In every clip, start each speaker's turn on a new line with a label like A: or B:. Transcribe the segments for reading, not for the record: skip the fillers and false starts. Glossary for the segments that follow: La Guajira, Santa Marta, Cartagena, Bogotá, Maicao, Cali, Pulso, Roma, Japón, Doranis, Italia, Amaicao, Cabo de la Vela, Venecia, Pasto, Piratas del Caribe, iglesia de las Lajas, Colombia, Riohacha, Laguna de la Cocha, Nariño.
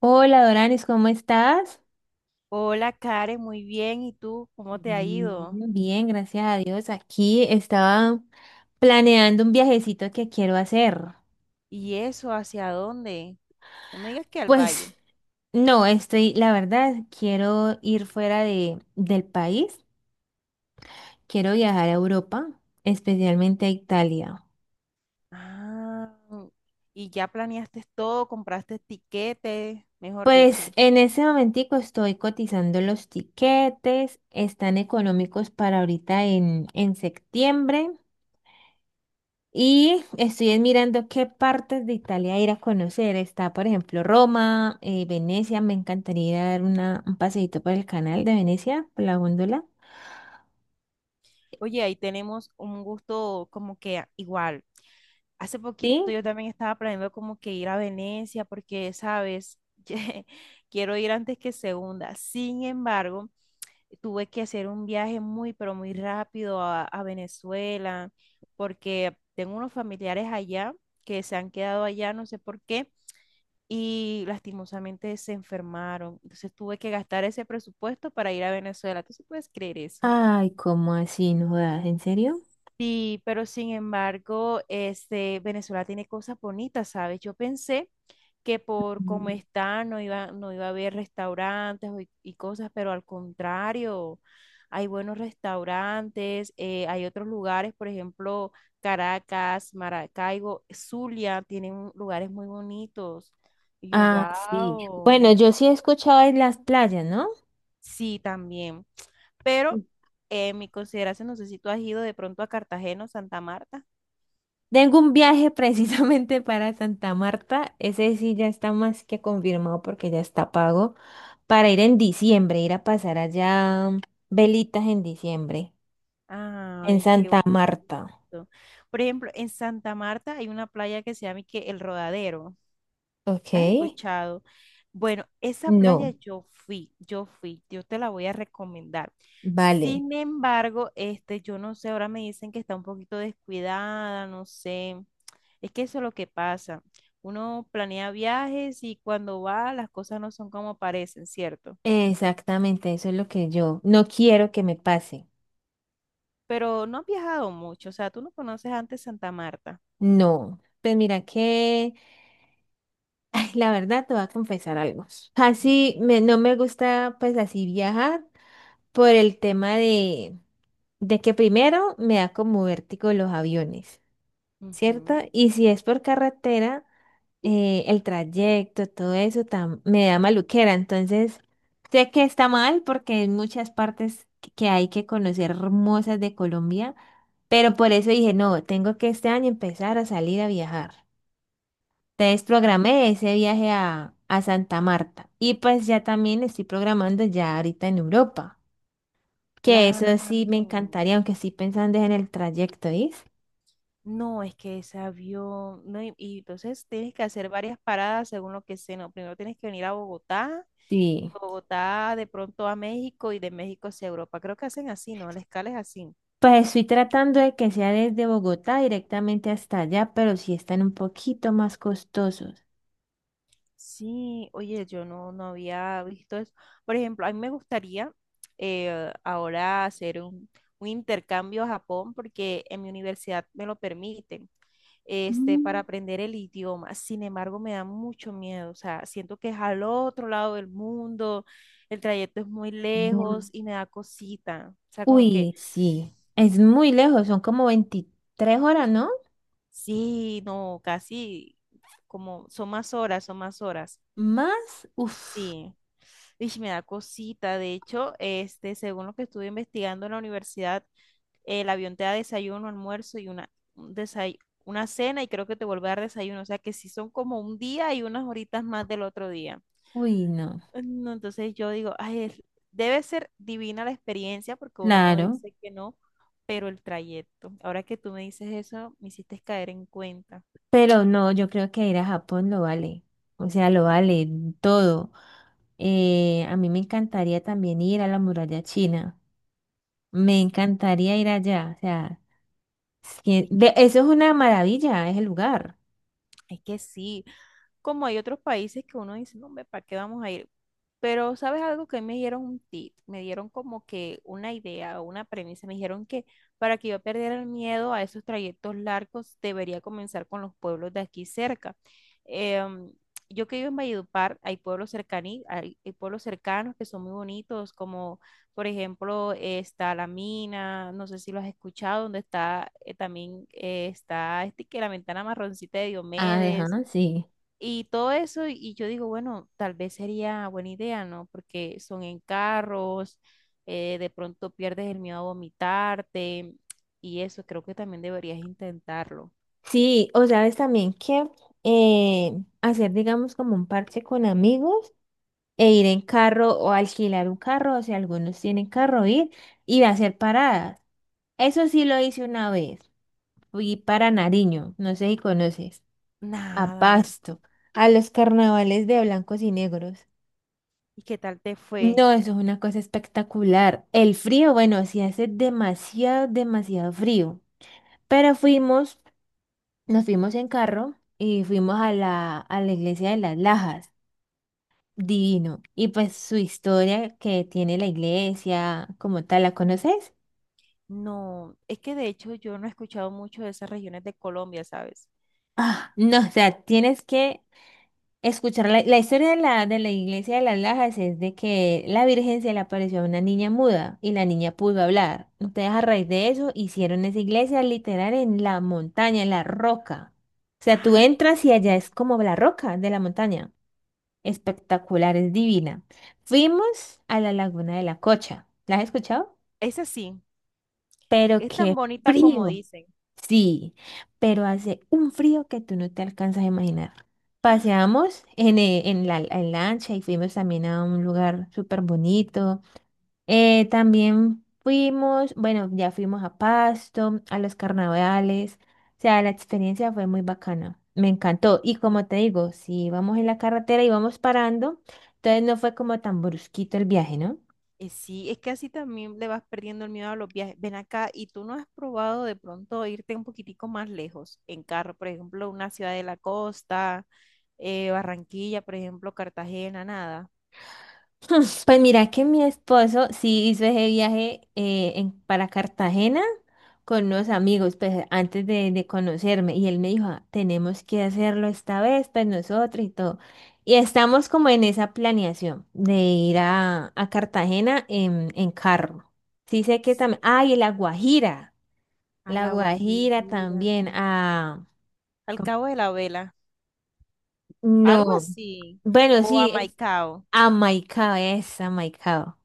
A: Hola Doranis, ¿cómo estás?
B: Hola Karen, muy bien. ¿Y tú cómo te ha ido?
A: Mm. Bien, gracias a Dios. Aquí estaba planeando un viajecito que quiero hacer.
B: ¿Y eso hacia dónde? No me digas que al valle.
A: Pues no, estoy, la verdad, quiero ir fuera del país. Quiero viajar a Europa, especialmente a Italia.
B: Ah, y ya planeaste todo, compraste tiquetes, mejor dicho.
A: Pues en ese momentico estoy cotizando los tiquetes. Están económicos para ahorita en septiembre. Y estoy mirando qué partes de Italia ir a conocer. Está, por ejemplo, Roma, Venecia. Me encantaría dar un paseíto por el canal de Venecia, por la góndola.
B: Oye, ahí tenemos un gusto como que igual. Hace
A: ¿Sí?
B: poquito yo también estaba planeando como que ir a Venecia porque, sabes, quiero ir antes que segunda. Sin embargo, tuve que hacer un viaje muy, pero muy rápido a Venezuela, porque tengo unos familiares allá que se han quedado allá, no sé por qué, y lastimosamente se enfermaron. Entonces tuve que gastar ese presupuesto para ir a Venezuela. ¿Tú sí puedes creer eso?
A: Ay, ¿cómo así? ¿No jodas? ¿En serio?
B: Sí, pero sin embargo, este, Venezuela tiene cosas bonitas, ¿sabes? Yo pensé que por cómo
A: Mm.
B: está no iba a haber restaurantes y cosas, pero al contrario, hay buenos restaurantes, hay otros lugares, por ejemplo, Caracas, Maracaibo, Zulia, tienen lugares muy bonitos. Y yo,
A: Ah, sí. Bueno,
B: wow,
A: yo sí he escuchado de las playas, ¿no?
B: sí, también.
A: Mm.
B: Pero en mi consideración, no sé si tú has ido de pronto a Cartagena o Santa Marta.
A: Tengo un viaje precisamente para Santa Marta. Ese sí ya está más que confirmado porque ya está pago para ir en diciembre, ir a pasar allá velitas en diciembre. En
B: Ay, qué
A: Santa Marta.
B: bonito. Por ejemplo, en Santa Marta hay una playa que se llama y que El Rodadero.
A: Ok.
B: ¿La has escuchado? Bueno, esa playa
A: No,
B: yo fui, yo te la voy a recomendar.
A: vale.
B: Sin embargo, este, yo no sé, ahora me dicen que está un poquito descuidada, no sé. Es que eso es lo que pasa. Uno planea viajes y cuando va las cosas no son como parecen, ¿cierto?
A: Exactamente, eso es lo que yo no quiero que me pase.
B: Pero no has viajado mucho, o sea, tú no conoces antes Santa Marta.
A: No. Pues mira que, ay, la verdad te voy a confesar algo. Así me, no me gusta pues así viajar por el tema de que primero me da como vértigo los aviones. ¿Cierto?
B: Ujú.
A: Y si es por carretera, el trayecto, todo eso me da maluquera. Entonces, sé que está mal porque hay muchas partes que hay que conocer hermosas de Colombia, pero por eso dije, no, tengo que este año empezar a salir a viajar. Entonces, programé ese viaje a Santa Marta y pues ya también estoy programando ya ahorita en Europa, que eso sí me
B: Claro.
A: encantaría, aunque estoy pensando en el trayecto, ¿sí?
B: No, es que ese avión, no, y entonces tienes que hacer varias paradas según lo que sea, ¿no? Primero tienes que venir a
A: Sí.
B: Bogotá de pronto a México y de México hacia Europa. Creo que hacen así, ¿no? La escala es así.
A: Pues estoy tratando de que sea desde Bogotá directamente hasta allá, pero sí están un poquito más costosos.
B: Sí, oye, yo no, no había visto eso. Por ejemplo, a mí me gustaría ahora hacer un intercambio a Japón porque en mi universidad me lo permiten. Este, para
A: Mm.
B: aprender el idioma. Sin embargo, me da mucho miedo, o sea, siento que es al otro lado del mundo, el trayecto es muy lejos
A: Em,
B: y me da cosita, o sea, como que
A: Uy, sí, es muy lejos, son como 23 horas, ¿no?
B: sí, no, casi como son más horas, son más horas.
A: Más, uff,
B: Sí, y me da cosita. De hecho, este, según lo que estuve investigando en la universidad, el avión te da desayuno, almuerzo y un desay- una cena y creo que te vuelve a dar desayuno. O sea que sí son como un día y unas horitas más del otro día.
A: uy, no,
B: No, entonces yo digo, ay, debe ser divina la experiencia porque uno no
A: claro,
B: dice que no, pero el trayecto. Ahora que tú me dices eso, me hiciste caer en cuenta.
A: pero no, yo creo que ir a Japón lo vale, o sea, lo vale todo. A mí me encantaría también ir a la muralla china, me
B: Sí,
A: encantaría ir allá, o sea,
B: Es que,
A: eso es una maravilla, es el lugar.
B: es que sí, como hay otros países que uno dice, no, hombre, ¿para qué vamos a ir? Pero, ¿sabes algo que me dieron un tip? Me dieron como que una idea o una premisa. Me dijeron que para que yo perdiera el miedo a esos trayectos largos, debería comenzar con los pueblos de aquí cerca. Em, yo que vivo en Valledupar, hay pueblos hay pueblos cercanos que son muy bonitos, como por ejemplo está La Mina, no sé si lo has escuchado, donde está también está este que la ventana marroncita de
A: Ah, ajá,
B: Diomedes
A: sí.
B: y todo eso, y yo digo, bueno, tal vez sería buena idea, ¿no? Porque son en carros, de pronto pierdes el miedo a vomitarte y eso, creo que también deberías intentarlo.
A: Sí, o sabes también que eh, hacer, digamos, como un parche con amigos e ir en carro o alquilar un carro, o sea, algunos tienen carro, ir y hacer paradas. Eso sí lo hice una vez. Fui para Nariño, no sé si conoces, a
B: Nada, ¿y
A: Pasto, a los carnavales de blancos y negros.
B: y qué tal te fue?
A: No, eso es una cosa espectacular. El frío, bueno, sí hace demasiado, demasiado frío. Pero fuimos. Nos fuimos en carro y fuimos a la iglesia de las Lajas. Divino. Y pues su historia que tiene la iglesia, como tal, ¿la conoces?
B: No, es que de hecho yo no he escuchado mucho de esas regiones de Colombia, ¿sabes?
A: Ah, no, o sea, tienes que escuchar la historia de la iglesia de las Lajas es de que la Virgen se le apareció a una niña muda y la niña pudo hablar. Entonces, a raíz de eso, hicieron esa iglesia literal en la montaña, en la roca. O sea, tú
B: Ah,
A: entras y allá es como la roca de la montaña. Espectacular, es divina. Fuimos a la Laguna de la Cocha. ¿La has escuchado?
B: esa sí,
A: Pero
B: es tan
A: qué
B: bonita como
A: frío.
B: dicen.
A: Sí, pero hace un frío que tú no te alcanzas a imaginar. Paseamos en lancha y fuimos también a un lugar súper bonito. También fuimos, bueno, ya fuimos a Pasto, a los carnavales, o sea, la experiencia fue muy bacana, me encantó. Y como te digo, si vamos en la carretera y vamos parando, entonces no fue como tan brusquito el viaje, ¿no?
B: Sí, es que así también le vas perdiendo el miedo a los viajes. Ven acá, ¿y tú no has probado de pronto irte un poquitico más lejos en carro? Por ejemplo, una ciudad de la costa, Barranquilla, por ejemplo, Cartagena, nada.
A: Pues mira que mi esposo sí hizo ese viaje para Cartagena con unos amigos, pues antes de conocerme. Y él me dijo, "Ah, tenemos que hacerlo esta vez, pues nosotros y todo." Y estamos como en esa planeación de ir a Cartagena en carro. Sí sé que también, ay, y La Guajira,
B: A
A: La
B: La
A: Guajira
B: Guajira,
A: también, ah,
B: al
A: ¿cómo?
B: Cabo de la Vela, algo
A: No,
B: así.
A: bueno,
B: O a
A: sí, es
B: Maicao.
A: Amaicao, es Amaicao.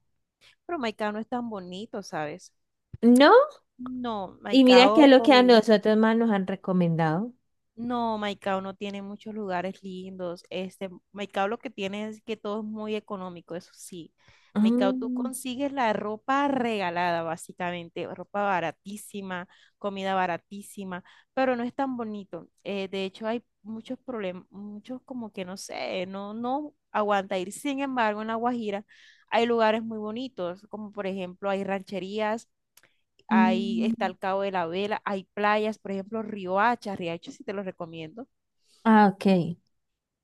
B: Pero Maicao no es tan bonito, ¿sabes?
A: ¿No?
B: No,
A: Y mira qué es lo que a
B: Maicao
A: nosotros más nos han recomendado.
B: No, Maicao no tiene muchos lugares lindos. Este, Maicao lo que tiene es que todo es muy económico, eso sí. Maicao, tú
A: Mm,
B: consigues la ropa regalada, básicamente, ropa baratísima, comida baratísima, pero no es tan bonito. De hecho, hay muchos problemas, muchos como que no sé, no, no aguanta ir. Sin embargo, en La Guajira hay lugares muy bonitos, como por ejemplo hay rancherías, ahí está
A: mm,
B: el Cabo de la Vela, hay playas, por ejemplo, Riohacha, Riohacha sí te lo recomiendo.
A: ah, ok.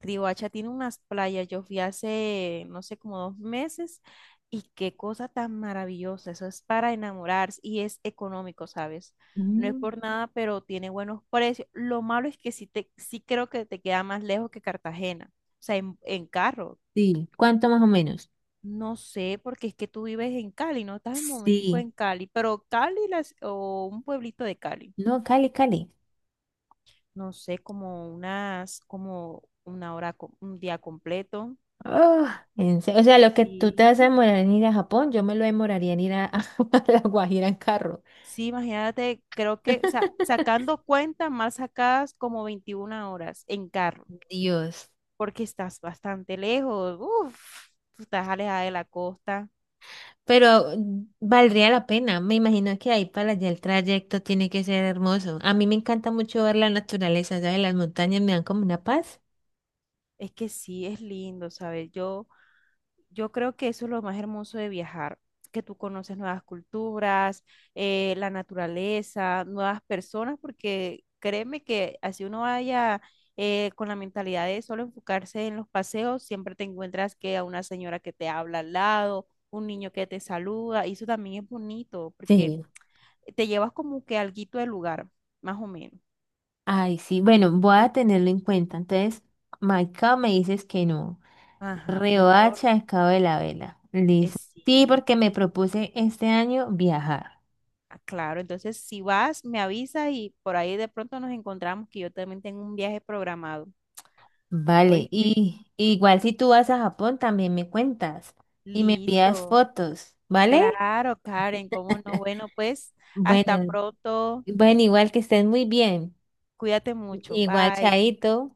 B: Riohacha tiene unas playas, yo fui hace, no sé, como 2 meses, y qué cosa tan maravillosa, eso es para enamorarse y es económico, ¿sabes? No es
A: Mm,
B: por nada, pero tiene buenos precios. Lo malo es que sí, sí creo que te queda más lejos que Cartagena, o sea, en, carro.
A: sí. ¿Cuánto más o menos?
B: No sé, porque es que tú vives en Cali, no estás un momentico
A: Sí.
B: en Cali, pero Cali o un pueblito de Cali.
A: No, Cali, Cali.
B: No sé, como unas, como una hora, un día completo.
A: Ah, o sea, lo que tú te vas a
B: Sí.
A: demorar en ir a Japón, yo me lo demoraría en ir a, a La Guajira en carro.
B: Sí, imagínate, creo que, o sea, sacando cuentas mal sacadas como 21 horas en carro,
A: Dios.
B: porque estás bastante lejos, uff, tú estás alejada de la costa.
A: Pero valdría la pena. Me imagino que ahí para allá el trayecto tiene que ser hermoso. A mí me encanta mucho ver la naturaleza, ¿sabes? Las montañas me dan como una paz.
B: Es que sí, es lindo, ¿sabes? Yo creo que eso es lo más hermoso de viajar, que tú conoces nuevas culturas, la naturaleza, nuevas personas, porque créeme que así uno vaya con la mentalidad de solo enfocarse en los paseos, siempre te encuentras que a una señora que te habla al lado, un niño que te saluda, y eso también es bonito, porque
A: Sí.
B: te llevas como que alguito del lugar, más o menos.
A: Ay, sí, bueno, voy a tenerlo en cuenta. Entonces, Maicao me dices que no.
B: Ajá, mejor
A: Riohacha, el Cabo de la Vela.
B: es
A: Listo. Sí,
B: sí.
A: porque me propuse este año viajar.
B: Ah, claro, entonces si vas, me avisas y por ahí de pronto nos encontramos que yo también tengo un viaje programado.
A: Vale,
B: ¿Oíste?
A: y igual si tú vas a Japón también me cuentas y me envías
B: Listo.
A: fotos, ¿vale?
B: Claro, Karen, cómo no. Bueno, pues hasta
A: Bueno,
B: pronto.
A: bueno, igual que estés muy bien.
B: Cuídate mucho.
A: Igual,
B: Bye.
A: Chaito.